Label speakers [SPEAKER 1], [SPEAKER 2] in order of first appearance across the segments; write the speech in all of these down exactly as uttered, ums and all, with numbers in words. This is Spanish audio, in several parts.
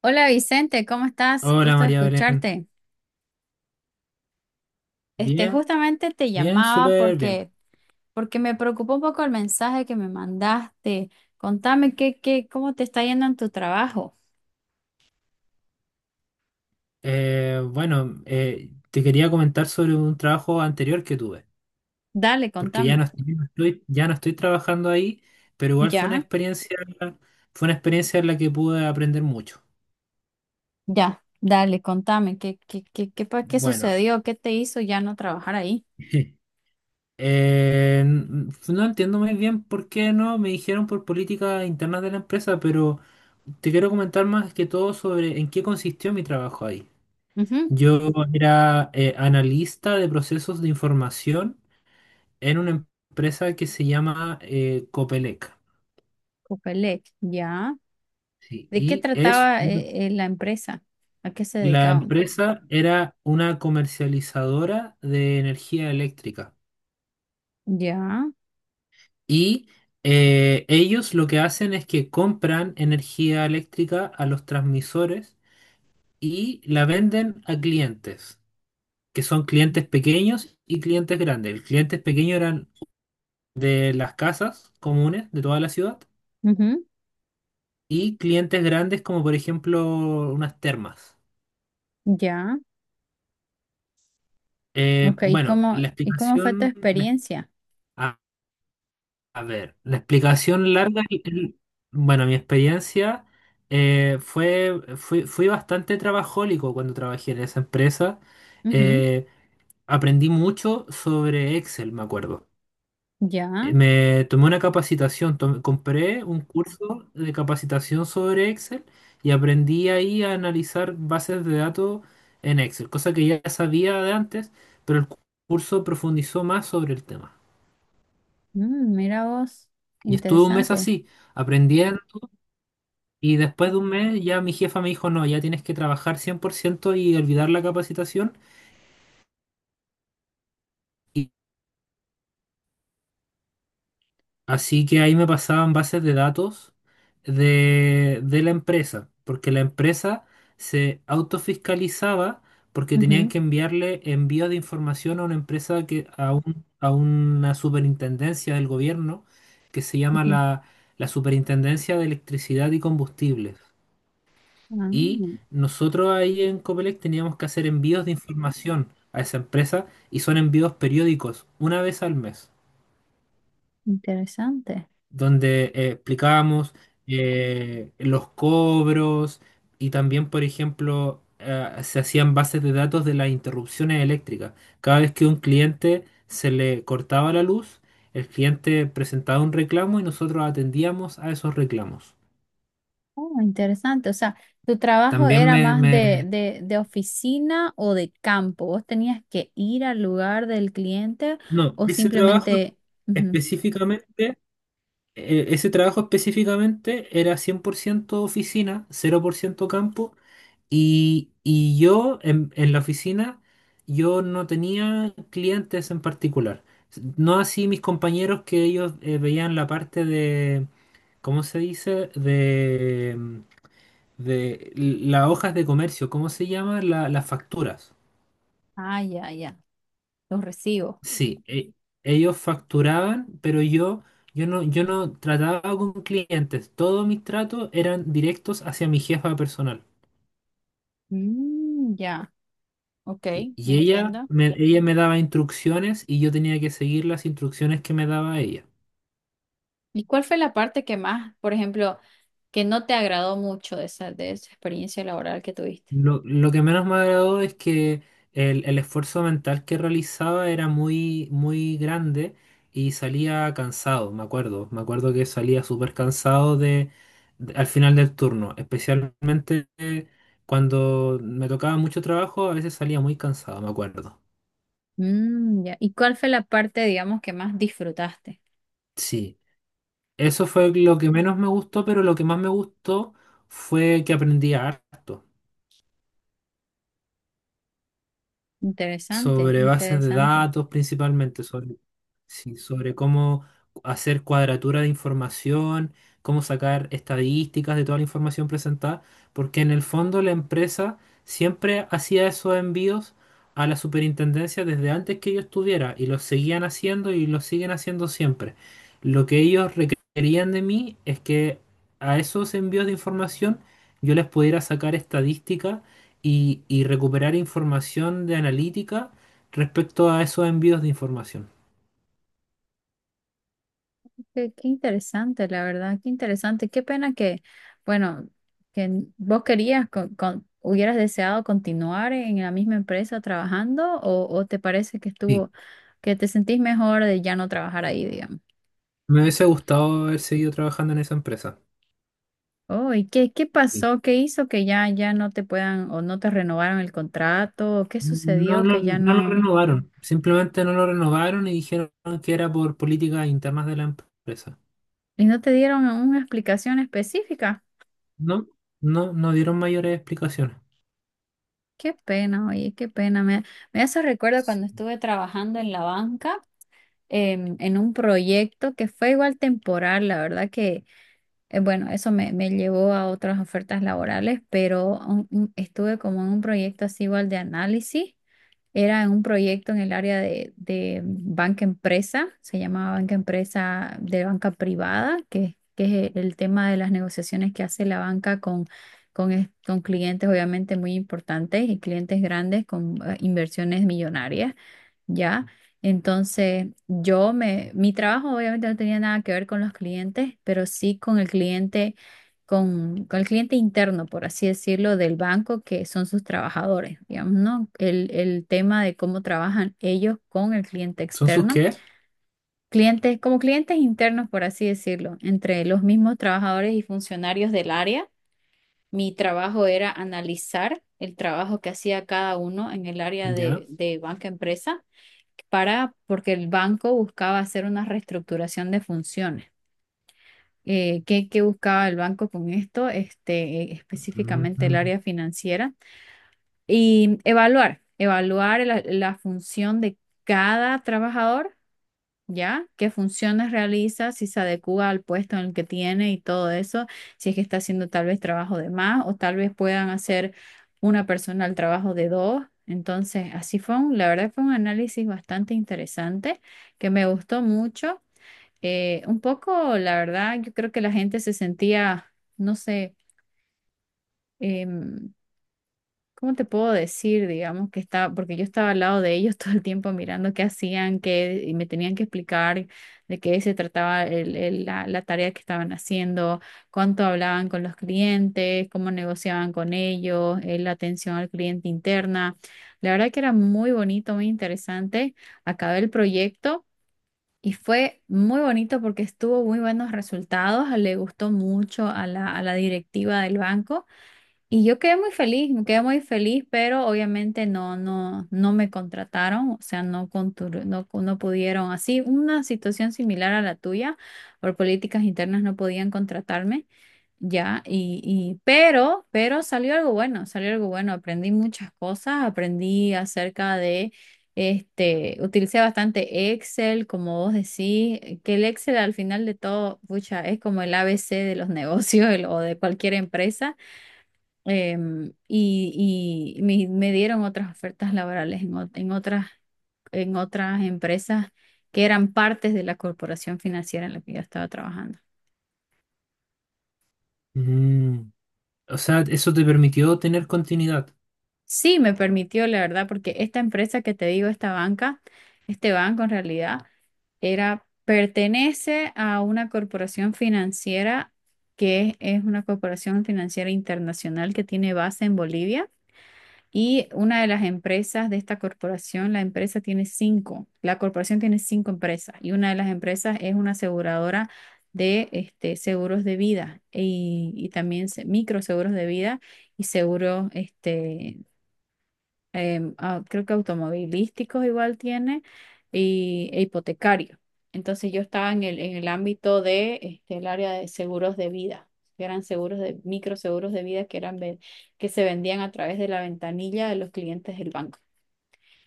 [SPEAKER 1] Hola Vicente, ¿cómo estás?
[SPEAKER 2] Hola
[SPEAKER 1] Gusto de
[SPEAKER 2] María Belén.
[SPEAKER 1] escucharte. Este,
[SPEAKER 2] Bien,
[SPEAKER 1] justamente te
[SPEAKER 2] bien,
[SPEAKER 1] llamaba
[SPEAKER 2] súper bien.
[SPEAKER 1] porque, porque me preocupó un poco el mensaje que me mandaste. Contame qué, qué, cómo te está yendo en tu trabajo.
[SPEAKER 2] Eh, bueno, eh, Te quería comentar sobre un trabajo anterior que tuve,
[SPEAKER 1] Dale,
[SPEAKER 2] porque ya
[SPEAKER 1] contame.
[SPEAKER 2] no estoy, no estoy- ya no estoy trabajando ahí, pero igual fue una
[SPEAKER 1] Ya,
[SPEAKER 2] experiencia, fue una experiencia en la que pude aprender mucho.
[SPEAKER 1] ya, dale, contame qué, qué, qué, qué, pa- qué
[SPEAKER 2] Bueno,
[SPEAKER 1] sucedió, qué te hizo ya no trabajar ahí.
[SPEAKER 2] eh, n- no entiendo muy bien por qué no me dijeron, por políticas internas de la empresa, pero te quiero comentar más que todo sobre en qué consistió mi trabajo ahí.
[SPEAKER 1] Ujú,
[SPEAKER 2] Yo era eh, analista de procesos de información en una empresa que se llama, eh, Copelec.
[SPEAKER 1] Copelec, ya.
[SPEAKER 2] Sí,
[SPEAKER 1] ¿De qué
[SPEAKER 2] y es
[SPEAKER 1] trataba
[SPEAKER 2] un-
[SPEAKER 1] eh, eh, la empresa? ¿A qué se
[SPEAKER 2] la
[SPEAKER 1] dedicaban?
[SPEAKER 2] empresa era una comercializadora de energía eléctrica.
[SPEAKER 1] Ya,
[SPEAKER 2] Y eh, ellos lo que hacen es que compran energía eléctrica a los transmisores y la venden a clientes, que son clientes pequeños y clientes grandes. El clientes pequeño eran de las casas comunes de toda la ciudad,
[SPEAKER 1] ujú,
[SPEAKER 2] y clientes grandes como por ejemplo unas termas.
[SPEAKER 1] ya.
[SPEAKER 2] Eh,
[SPEAKER 1] Ok, ¿y
[SPEAKER 2] bueno,
[SPEAKER 1] cómo,
[SPEAKER 2] la
[SPEAKER 1] y cómo fue tu
[SPEAKER 2] explicación, la-
[SPEAKER 1] experiencia?
[SPEAKER 2] a, a ver, la explicación larga, y- y- bueno, mi experiencia eh, fue, fui, fui bastante trabajólico cuando trabajé en esa empresa.
[SPEAKER 1] Ujú,
[SPEAKER 2] Eh, Aprendí mucho sobre Excel, me acuerdo.
[SPEAKER 1] ya.
[SPEAKER 2] Eh, Me tomé una capacitación, tom- compré un curso de capacitación sobre Excel y aprendí ahí a analizar bases de datos en Excel, cosa que ya sabía de antes, pero el cu- curso profundizó más sobre el tema.
[SPEAKER 1] Mm, mira vos,
[SPEAKER 2] Y estuve un mes
[SPEAKER 1] interesante.
[SPEAKER 2] así, aprendiendo, y después de un mes ya mi jefa me dijo, no, ya tienes que trabajar cien por ciento y olvidar la capacitación. Así que ahí me pasaban bases de datos de, de la empresa, porque la empresa se autofiscalizaba, porque tenían
[SPEAKER 1] Ujú,
[SPEAKER 2] que enviarle envíos de información a una empresa que, a un- a una superintendencia del gobierno que se llama
[SPEAKER 1] ujú.
[SPEAKER 2] la, la Superintendencia de Electricidad y Combustibles.
[SPEAKER 1] Ah,
[SPEAKER 2] Y nosotros ahí en Copelec teníamos que hacer envíos de información a esa empresa, y son envíos periódicos, una vez al mes.
[SPEAKER 1] interesante.
[SPEAKER 2] Donde eh, explicábamos eh, los cobros, y también, por ejemplo, eh, se hacían bases de datos de las interrupciones eléctricas. Cada vez que un cliente se le cortaba la luz, el cliente presentaba un reclamo y nosotros atendíamos a esos reclamos.
[SPEAKER 1] Oh, interesante. O sea, ¿tu trabajo
[SPEAKER 2] También
[SPEAKER 1] era
[SPEAKER 2] me...
[SPEAKER 1] más de,
[SPEAKER 2] me-
[SPEAKER 1] de, de oficina o de campo? ¿Vos tenías que ir al lugar del cliente
[SPEAKER 2] No,
[SPEAKER 1] o
[SPEAKER 2] ese trabajo
[SPEAKER 1] simplemente... ujú.
[SPEAKER 2] específicamente e- ese trabajo específicamente era cien por ciento oficina, cero por ciento campo. Y, y yo en, en la oficina, yo no tenía clientes en particular. No así mis compañeros, que ellos eh, veían la parte de, ¿cómo se dice? De, de l- las hojas de comercio, ¿cómo se llama? La- las facturas.
[SPEAKER 1] Ah, ya, ya, los recibo.
[SPEAKER 2] Sí, e- ellos facturaban, pero yo, yo no, yo no trataba con clientes. Todos mis tratos eran directos hacia mi jefa personal.
[SPEAKER 1] Mm, ya, ok,
[SPEAKER 2] Y y ella
[SPEAKER 1] entiendo.
[SPEAKER 2] me, ella me daba instrucciones y yo tenía que seguir las instrucciones que me daba ella.
[SPEAKER 1] ¿Y cuál fue la parte que más, por ejemplo, que no te agradó mucho de esa, de esa experiencia laboral que tuviste?
[SPEAKER 2] Lo, lo que menos me agradó es que el, el esfuerzo mental que realizaba era muy, muy grande, y salía cansado, me acuerdo. Me acuerdo que salía súper cansado de, de- al final del turno, especialmente eh, cuando me tocaba mucho trabajo, a veces salía muy cansado, me acuerdo.
[SPEAKER 1] Mm, ya. ¿Y cuál fue la parte, digamos, que más disfrutaste?
[SPEAKER 2] Sí, eso fue lo que menos me gustó, pero lo que más me gustó fue que aprendía harto.
[SPEAKER 1] Interesante,
[SPEAKER 2] Sobre bases de
[SPEAKER 1] interesante.
[SPEAKER 2] datos principalmente, sobre, sí, sobre cómo hacer cuadratura de información, cómo sacar estadísticas de toda la información presentada, porque en el fondo la empresa siempre hacía esos envíos a la superintendencia desde antes que yo estuviera, y los seguían haciendo y los siguen haciendo siempre. Lo que ellos requerían de mí es que a esos envíos de información yo les pudiera sacar estadísticas y, y recuperar información de analítica respecto a esos envíos de información.
[SPEAKER 1] Qué, qué interesante, la verdad, qué interesante. Qué pena que, bueno, que n- vos querías, con, con- hubieras deseado continuar en la misma empresa trabajando o, o te parece que
[SPEAKER 2] Sí,
[SPEAKER 1] estuvo, que te sentís mejor de ya no trabajar ahí, digamos.
[SPEAKER 2] me hubiese gustado haber seguido trabajando en esa empresa.
[SPEAKER 1] Oh, ¿y qué, qué
[SPEAKER 2] Sí.
[SPEAKER 1] pasó? ¿Qué hizo que ya, ya no te puedan o no te renovaron el contrato? ¿Qué
[SPEAKER 2] No,
[SPEAKER 1] sucedió
[SPEAKER 2] no,
[SPEAKER 1] que ya
[SPEAKER 2] no lo
[SPEAKER 1] no...
[SPEAKER 2] renovaron, simplemente no lo renovaron y dijeron que era por políticas internas de la empresa.
[SPEAKER 1] Y no te dieron una explicación específica.
[SPEAKER 2] No, no, no dieron mayores explicaciones.
[SPEAKER 1] Qué pena, oye, qué pena. Me, me hace recuerdo
[SPEAKER 2] Sí.
[SPEAKER 1] cuando estuve trabajando en la banca, em, en un proyecto que fue igual temporal, la verdad que, eh, bueno, eso me, me llevó a otras ofertas laborales, pero un- un- estuve como en un proyecto así igual de análisis. Era un proyecto en el área de, de banca empresa, se llamaba banca empresa de banca privada, que, que es el tema de las negociaciones que hace la banca con, con, es- con clientes obviamente muy importantes y clientes grandes con eh, inversiones millonarias, ¿ya? Entonces, yo me, mi trabajo obviamente no tenía nada que ver con los clientes, pero sí con el cliente con, con el cliente interno, por así decirlo, del banco, que son sus trabajadores, digamos, ¿no? El, el tema de cómo trabajan ellos con el cliente
[SPEAKER 2] ¿Son sus
[SPEAKER 1] externo.
[SPEAKER 2] qué?
[SPEAKER 1] Clientes, como clientes internos, por así decirlo, entre los mismos trabajadores y funcionarios del área. Mi trabajo era analizar el trabajo que hacía cada uno en el área
[SPEAKER 2] Ya.
[SPEAKER 1] de, de banca empresa para, porque el banco buscaba hacer una reestructuración de funciones eh, qué, qué buscaba el banco con esto, este, eh, específicamente el
[SPEAKER 2] Mm,
[SPEAKER 1] área financiera, y evaluar, evaluar la, la función de cada trabajador, ¿ya? ¿Qué funciones realiza, si se adecua al puesto en el que tiene y todo eso, si es que está haciendo tal vez trabajo de más o tal vez puedan hacer una persona el trabajo de dos. Entonces, así fue un- la verdad fue un análisis bastante interesante que me gustó mucho. Eh, un poco, la verdad, yo creo que la gente se sentía, no sé, em, ¿cómo te puedo decir? Digamos que estaba, porque yo estaba al lado de ellos todo el tiempo mirando qué hacían, qué, y me tenían que explicar de qué se trataba el- el- la, la tarea que estaban haciendo, cuánto hablaban con los clientes, cómo negociaban con ellos, eh, la atención al cliente interna. La verdad que era muy bonito, muy interesante. Acabé el proyecto. Y fue muy bonito porque estuvo muy buenos resultados, le gustó mucho a la, a la directiva del banco y yo quedé muy feliz, me quedé muy feliz, pero obviamente no, no, no me contrataron, o sea, no, contur- no, no pudieron, así una situación similar a la tuya, por políticas internas no podían contratarme. Ya, y, y pero, pero salió algo bueno, salió algo bueno. Aprendí muchas cosas, aprendí acerca de, este, utilicé bastante Excel, como vos decís, eh, que el Excel al final de todo, pucha, es como el A B C de los negocios el- o de cualquier empresa. Em, y y me, me dieron otras ofertas laborales en, ot- en otras, en otras empresas que eran partes de la corporación financiera en la que yo estaba trabajando.
[SPEAKER 2] mm. O sea, eso te permitió tener continuidad.
[SPEAKER 1] Sí, me permitió, la verdad, porque esta empresa que te digo, esta banca, este banco en realidad, era, pertenece a una corporación financiera que es una corporación financiera internacional que tiene base en Bolivia y una de las empresas de esta corporación, la empresa tiene cinco, la corporación tiene cinco empresas y una de las empresas es una aseguradora de este, seguros de vida y, y también se- microseguros de vida y seguros em, ah, creo que automovilísticos igual tiene, y e hipotecario. Entonces yo estaba en el, en el ámbito de, este, el área de seguros de vida, que eran seguros de, microseguros de vida que eran, ve- que se vendían a través de la ventanilla de los clientes del banco.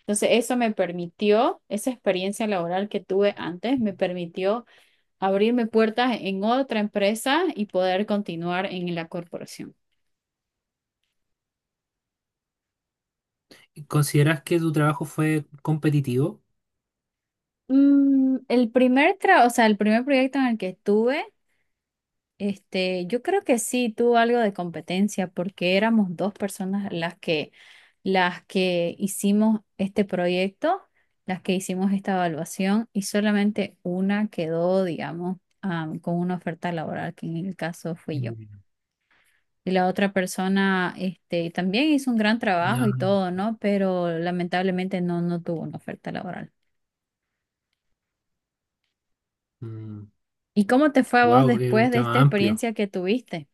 [SPEAKER 1] Entonces eso me permitió, esa experiencia laboral que tuve antes, me permitió abrirme puertas en otra empresa y poder continuar en la corporación.
[SPEAKER 2] ¿Consideras que tu trabajo fue competitivo?
[SPEAKER 1] Mm, el primer tra- o sea, el primer proyecto en el que estuve. Este, yo creo que sí tuvo algo de competencia porque éramos dos personas las que, las que hicimos este proyecto, las que hicimos esta evaluación y solamente una quedó, digamos, am, con una oferta laboral, que en el caso fui yo.
[SPEAKER 2] Mm.
[SPEAKER 1] Y la otra persona, este, también hizo un gran
[SPEAKER 2] Ya.
[SPEAKER 1] trabajo y todo, ¿no? Pero lamentablemente no, no tuvo una oferta laboral.
[SPEAKER 2] Wow,
[SPEAKER 1] ¿Y cómo te fue a vos
[SPEAKER 2] es un
[SPEAKER 1] después de esta
[SPEAKER 2] tema amplio.
[SPEAKER 1] experiencia que tuviste?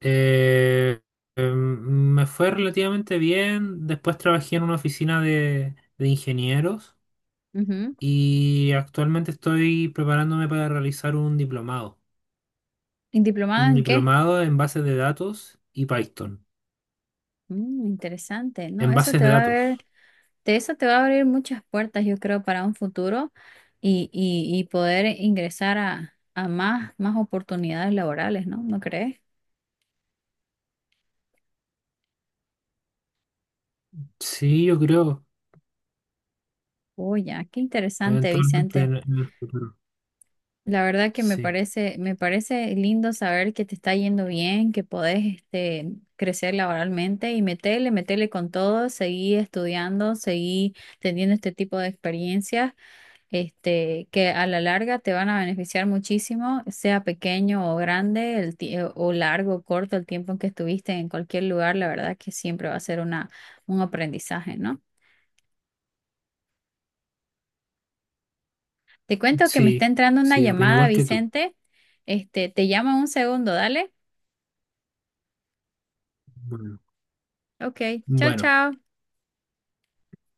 [SPEAKER 2] Eh, em, Me fue relativamente bien. Después trabajé en una oficina de, de ingenieros,
[SPEAKER 1] Ujú.
[SPEAKER 2] y actualmente estoy preparándome para realizar un diplomado.
[SPEAKER 1] ¿Y diplomada
[SPEAKER 2] Un
[SPEAKER 1] en qué?
[SPEAKER 2] diplomado en bases de datos y Python.
[SPEAKER 1] Mm, interesante, ¿no?
[SPEAKER 2] En
[SPEAKER 1] Eso
[SPEAKER 2] bases
[SPEAKER 1] te
[SPEAKER 2] de
[SPEAKER 1] va a ver,
[SPEAKER 2] datos.
[SPEAKER 1] de eso te va a abrir muchas puertas, yo creo, para un futuro y, y, y poder ingresar a, a más, más oportunidades laborales, ¿no? ¿No crees?
[SPEAKER 2] Sí, yo creo.
[SPEAKER 1] Oye, qué interesante,
[SPEAKER 2] Eventualmente
[SPEAKER 1] Vicente.
[SPEAKER 2] en, en el futuro.
[SPEAKER 1] La verdad que me
[SPEAKER 2] Sí,
[SPEAKER 1] parece, me parece lindo saber que te está yendo bien, que podés este, crecer laboralmente y metele, metele con todo, seguí estudiando, seguí teniendo este tipo de experiencias, este, que a la larga te van a beneficiar muchísimo, sea pequeño o grande, el, ti- eh, o largo o corto el tiempo en que estuviste en cualquier lugar, la verdad que siempre va a ser una, un aprendizaje, ¿no? Te cuento que me está
[SPEAKER 2] sí,
[SPEAKER 1] entrando una
[SPEAKER 2] sí, opino
[SPEAKER 1] llamada,
[SPEAKER 2] igual que tú.
[SPEAKER 1] Vicente. Este, te llamo en un segundo, dale.
[SPEAKER 2] Bueno,
[SPEAKER 1] Ok, chao,
[SPEAKER 2] bueno.
[SPEAKER 1] chao.